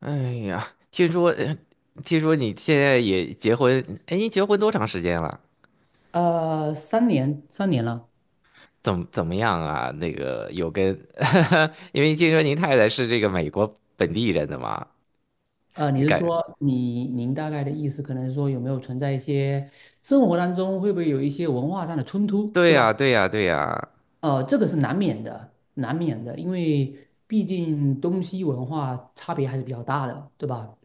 哎呀，听说你现在也结婚，哎，你结婚多长时间了？三年，三年了。怎么样啊？那个有跟，因为听说您太太是这个美国本地人的嘛，你你是感，说您大概的意思，可能是说有没有存在一些生活当中会不会有一些文化上的冲突，对对呀，吧？对呀，对呀，这个是难免的，难免的，因为毕竟东西文化差别还是比较大的，对吧？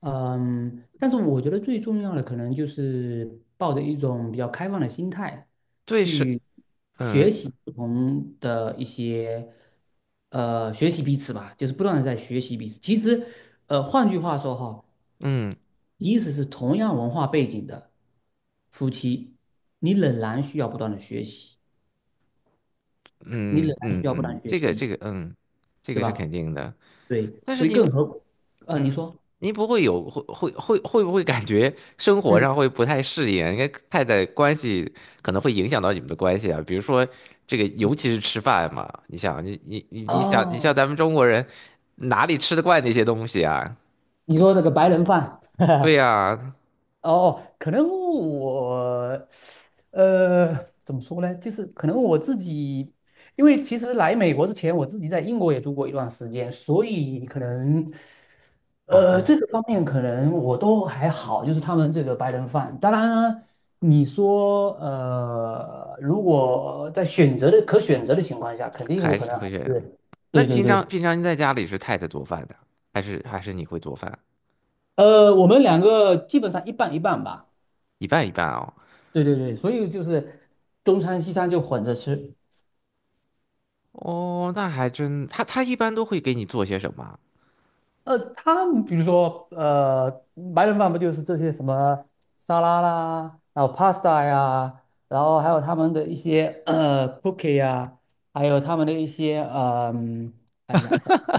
但是我觉得最重要的可能就是抱着一种比较开放的心态对是，去学嗯习不同的一些，学习彼此吧，就是不断的在学习彼此。其实，换句话说哈，嗯即使是同样文化背景的夫妻，你仍然需要不断的学习，你仍嗯然嗯需要不断的嗯，学这习个彼这此。个，嗯，这对个是吧？肯定的。对，但是所以您更何，你说，您不会有会会会会不会感觉生活嗯，上会不太适应啊？因为太太关系可能会影响到你们的关系啊，比如说这个，尤其是吃饭嘛，你想，你像哦，咱们中国人哪里吃得惯那些东西啊？你说那个白人饭。对呀，哦，可能我，呃，怎么说呢？就是可能我自己，因为其实来美国之前，我自己在英国也住过一段时间，所以可能，哦，那这个方面可能我都还好，就是他们这个白人饭。当然啊，你说，如果在选择的可选择的情况下，肯定我还可是能还会选。是，那对对平对，常平常您在家里是太太做饭的，还是你会做饭？我们两个基本上一半一半吧。一半一半哦。对对对，所以就是中餐西餐就混着吃。哦，那还真，他一般都会给你做些什么啊。他们比如说白人饭不就是这些什么沙拉啦，然后 pasta 呀，然后还有他们的一些cookie 呀，还有他们的一些看一下，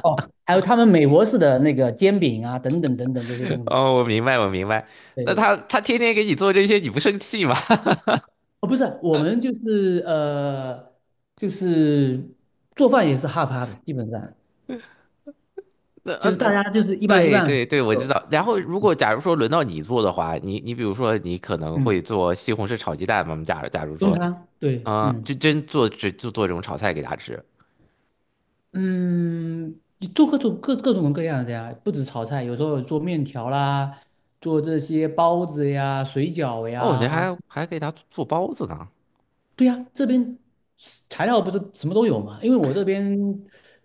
哦，还有他们美国式的那个煎饼啊，等等等等这些东西。哦，我明白，我明白。对那他对，他天天给你做这些，你不生气吗？哦，不是，我们就是就是做饭也是 half half,基本上 那就嗯是大那，家就是一半一对半。对对，我知道。然后如果假如说轮到你做的话，你比如说你可能会嗯。做西红柿炒鸡蛋嘛？假假如中说，餐，对，嗯就做这种炒菜给他吃。嗯，你做各种各样的呀，不止炒菜，有时候有做面条啦，做这些包子呀、水饺哦，你呀，还还给他做包子呢。对呀，这边是材料不是什么都有嘛？因为我这边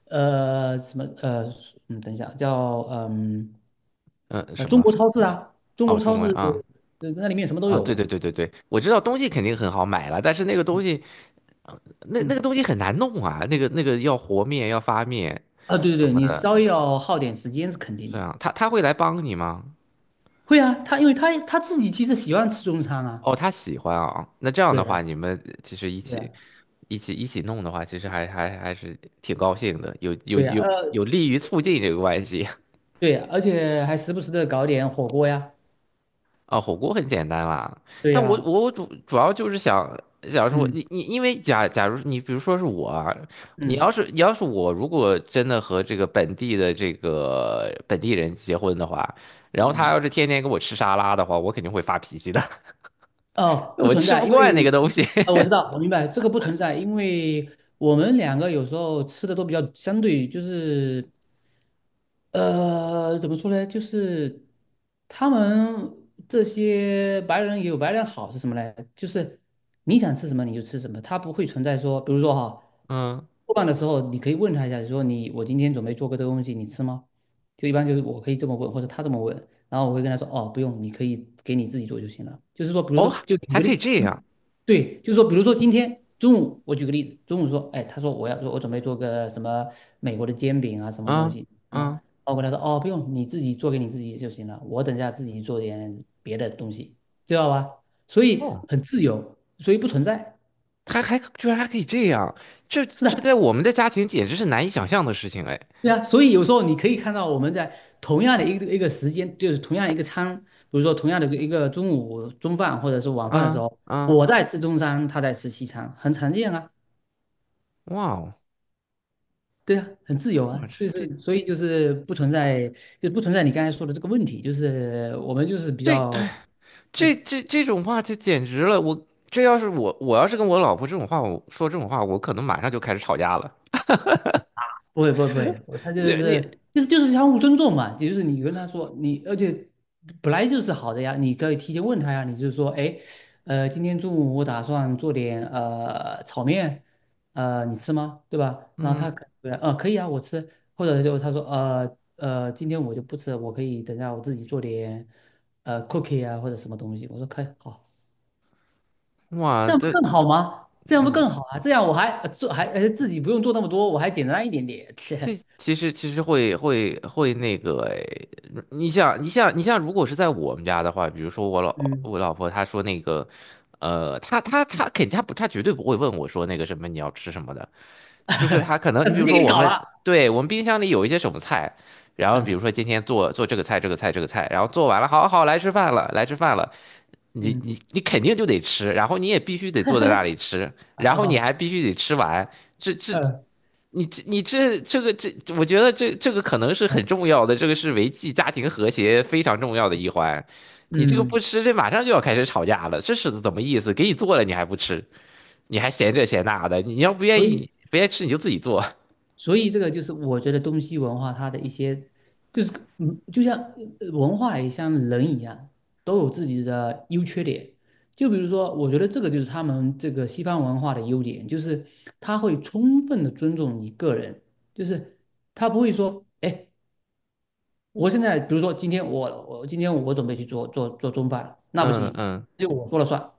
什么等一下叫嗯、什中么？国超市啊，中国哦，超中市文啊那里面什么都啊，对对有，对对对，我知道东西肯定很好买了，但是那个东西那个嗯东西很难弄啊，那个要和面要发面啊对对什对，么你的，稍微要耗点时间是肯定这的，样他会来帮你吗？会啊，他因为他自己其实喜欢吃中餐啊，哦，他喜欢啊，那这样对的呀。话，你们其实一对呀起一起一起弄的话，其实还是挺高兴的，有有对呀，有有利于促进这个关系 对呀，而且还时不时的搞点火锅呀，啊。火锅很简单啦，对但我呀，我主要就是想说，嗯你因为假如你比如说是我啊，你要嗯是你要是我如果真的和这个本地的这个本地人结婚的话，然后他嗯，要是天天给我吃沙拉的话，我肯定会发脾气的，哦，不我存吃在，不因惯那个为，东西。我知道，我明白，这个不存在，因为我们两个有时候吃的都比较相对，就是怎么说呢？就是他们这些白人也有白人好是什么呢？就是你想吃什么你就吃什么，他不会存在说，比如说哈，嗯，做饭的时候你可以问他一下，你说你我今天准备做个这个东西，你吃吗？就一般就是我可以这么问，或者他这么问，然后我会跟他说，哦，不用，你可以给你自己做就行了。就是说，比如说，哦，就举还个可以例，这样。对，就是说，比如说今天中午，我举个例子，中午说，哎，他说我要我准备做个什么美国的煎饼啊，什么东啊西，什啊，么。包括他说哦，不用，你自己做给你自己就行了，我等一下自己做点别的东西，知道吧？所以哦，很自由，所以不存在。还居然还可以这样，这是这的，在我们的家庭简直是难以想象的事情哎！对啊，所以有时候你可以看到我们在同样的一个一个时间，就是同样一个餐，比如说同样的一个中午中饭或者是晚饭的时啊候，啊，我在吃中餐，他在吃西餐，很常见啊，哇哦，对啊，很自由我啊，们这所以这是所以就是不存在，就不存在你刚才说的这个问题，就是我们就是比较这这这种话，这简直了！我这要是我要是跟我老婆这种话，我说这种话，我可能马上就开始吵架了。不会不会不会，我他就你你是就是就是相互尊重嘛，就是你跟他说你，而且本来就是好的呀，你可以提前问他呀，你就是说，哎，今天中午我打算做点炒面，你吃吗？对吧？然后嗯，他可对啊，可以啊，我吃，或者就他说，今天我就不吃了，我可以等下我自己做点cookie 啊或者什么东西，我说可以，好，哇，这样不这更好吗？这样不嗯。更好啊？这样我还做还自己不用做那么多，我还简单一点点，这 其实会会会那个诶，你像，如果是在我们家的话，比如说嗯。我老婆她说那个，她肯定她绝对不会问我说那个什么你要吃什么的，就是她可能他你比直如接给说你我搞们，了。对，我们冰箱里有一些什么菜，然后比如嗯说今天做做这个菜这个菜这个菜，然后做完了，好好来吃饭了来吃饭了，你嗯，你你肯定就得吃，然后你也必须得坐在那里吃，然好后你好，还必须得吃完。这这嗯你这你这这个这，我觉得这个可能是嗯很重要的，这个是维系家庭和谐非常重要的一环。你这个不嗯，吃，这马上就要开始吵架了，这是怎么意思？给你做了你还不吃，你还嫌这嫌那的，你要不愿所意，以你不愿意吃你就自己做。这个就是我觉得东西文化它的一些，就是就像文化也像人一样，都有自己的优缺点。就比如说，我觉得这个就是他们这个西方文化的优点，就是他会充分的尊重你个人，就是他不会说，哎，我现在比如说今天我准备去做中饭，那不嗯行，嗯，就我说了算，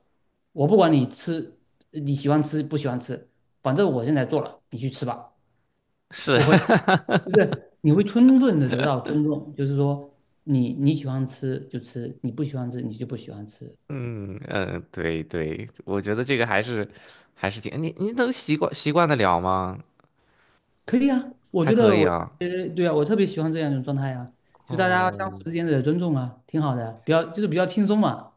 我不管你吃，你喜欢吃不喜欢吃，反正我现在做了，你去吃吧，是，不会，就是你会充分的得到尊重，就是说你你喜欢吃就吃，你不喜欢吃你就不喜欢吃，嗯嗯，对对，我觉得这个还是挺你能习惯得了吗？可以啊，我还觉可得以我特啊。别对啊，我特别喜欢这样一种状态啊，就大家哦，相互之间的尊重啊，挺好的，就是比较轻松嘛，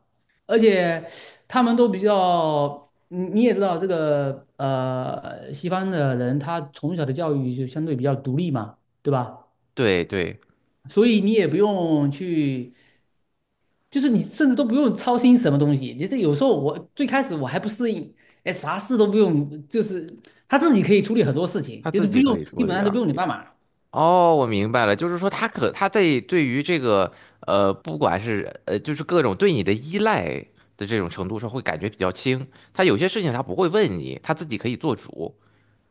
而且他们都比较，你也知道这个西方的人他从小的教育就相对比较独立嘛，对吧？对对，所以你也不用去，就是你甚至都不用操心什么东西，你这有时候我最开始我还不适应，哎，啥事都不用，就是他自己可以处理很多事情，他就自是不己用，可以处基本理上都不啊。用你帮忙。哦，我明白了，就是说他在对于这个，不管是就是各种对你的依赖的这种程度上，会感觉比较轻。他有些事情他不会问你，他自己可以做主。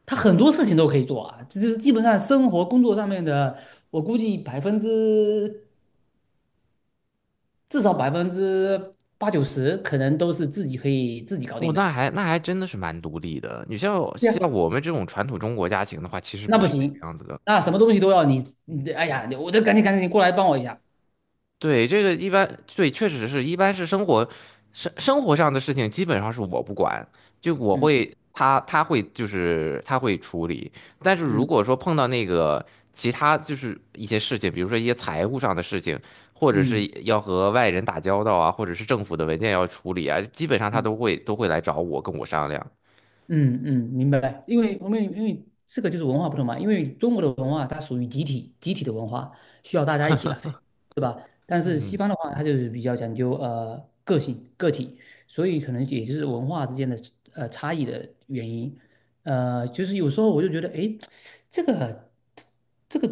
他很多事情都可以做啊，这就是基本上生活工作上面的，我估计百分之至少百分之八九十可能都是自己可以自己搞哦，定那的。还那还真的是蛮独立的。你像对呀，像我们这种传统中国家庭的话，其实那不不是这个行，样子的。那什么东西都要你，你哎呀，我得赶紧赶紧过来帮我一下。对，这个一般，对，确实是一般是生活生活上的事情，基本上是我不管，就我嗯会他会就是他会处理，但是如嗯果说碰到那个其他就是一些事情，比如说一些财务上的事情，或者嗯是要和外人打交道啊，或者是政府的文件要处理啊，基本上他嗯。都会来找我跟我商量。嗯嗯，明白。因为这个就是文化不同嘛，因为中国的文化它属于集体的文化，需要大家一起来，对吧？但是西嗯方的话，它就是比较讲究个性个体，所以可能也就是文化之间的差异的原因。就是有时候我就觉得，哎，这个这个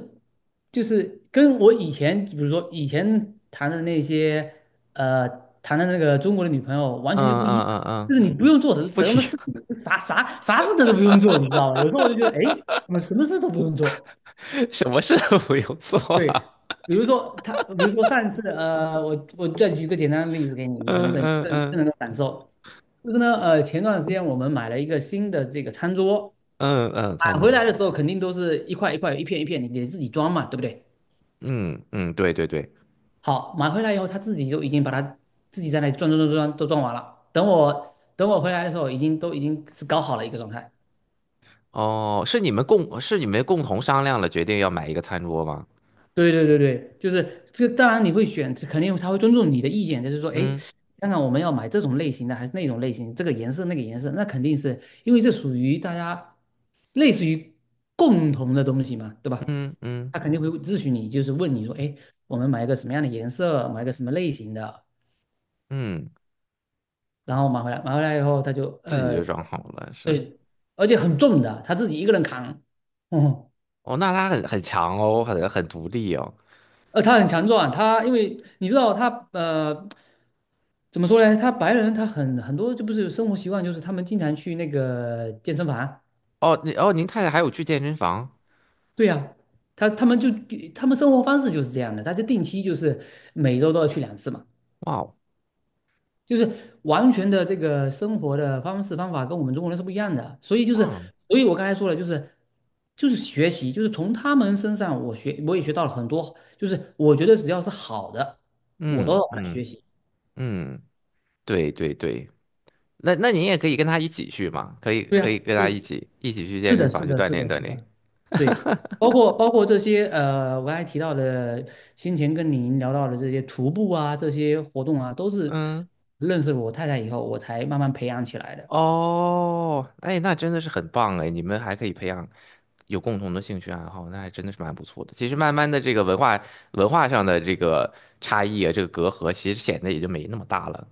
就是跟我以前，比如说以前谈的呃谈的那个中国的女朋友完嗯全就不一嗯样嗯嗯，就是你不用做不一什么事样 情，啥事的都不用做，你知道吗？有时候我就觉得，哎，我们什么事都不用做。什么事都不用做对，啊。比如说上一次，我再举一个简单的例子给你，你可能嗯嗯嗯更能够感受。就是呢，前段时间我们买了一个新的这个餐桌，嗯嗯，餐买回桌。来的时候肯定都是一块一块、一片一片，你得自己装嘛，对不对？嗯嗯，对对对。好，买回来以后他自己就已经把它自己在那里装都装完了。等我回来的时候，已经都已经是搞好了一个状态。哦，是你们共同商量了决定要买一个餐桌吗？对对对对，就是这个当然你会选，肯定他会尊重你的意见，就是说，哎，嗯看看我们要买这种类型的还是那种类型，这个颜色那个颜色，那肯定是因为这属于大家类似于共同的东西嘛，对吧？嗯嗯他肯定会咨询你，就是问你说，哎，我们买一个什么样的颜色，买一个什么类型的，嗯，然后买回来，买回来以后他就自己就装好了，是。对，而且很重的，他自己一个人扛，嗯，哦，那他很强哦，很独立哦。他很强壮，他因为你知道他。怎么说呢？他白人他很多就不是生活习惯，就是他们经常去那个健身房。哦，您太太还有去健身房？对呀、他们就他们生活方式就是这样的，他就定期就是每周都要去两次嘛，哇哦，就是完全的这个生活的方式方法跟我们中国人是不一样的。所以就是，哇，所以我刚才说了，就是学习，就是从他们身上我也学到了很多，就是我觉得只要是好的，我都嗯要把它学嗯习。嗯，对对对，那您也可以跟他一起去嘛，可以对可呀，以跟他对，一起去是健身的，房是去的，锻是炼的，锻是炼。的。对，包括这些我刚才提到的，先前跟您聊到的这些徒步啊，这些活动啊，都是嗯。认识了我太太以后，我才慢慢培养起来的。哦，哎，那真的是很棒哎，你们还可以培养有共同的兴趣爱好，那还真的是蛮不错的。其实慢慢的，这个文化上的这个差异啊，这个隔阂，其实显得也就没那么大了。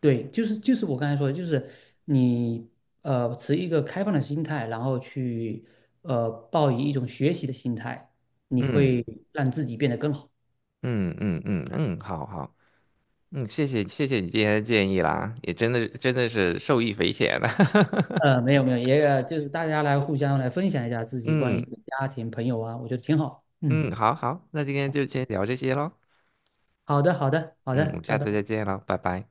对，就是我刚才说的，就是你持一个开放的心态，然后去抱以一种学习的心态，你嗯会让自己变得更好。嗯嗯嗯嗯，好好，嗯，谢谢谢谢你今天的建议啦，也真的真的是受益匪浅了。没有没有，也就是大家来互相来分享一下自己关于嗯家庭朋友啊，我觉得挺好。嗯，嗯，好好，那今天就先聊这些喽。好的好的好嗯，我的，们拜下次再拜。见喽，拜拜。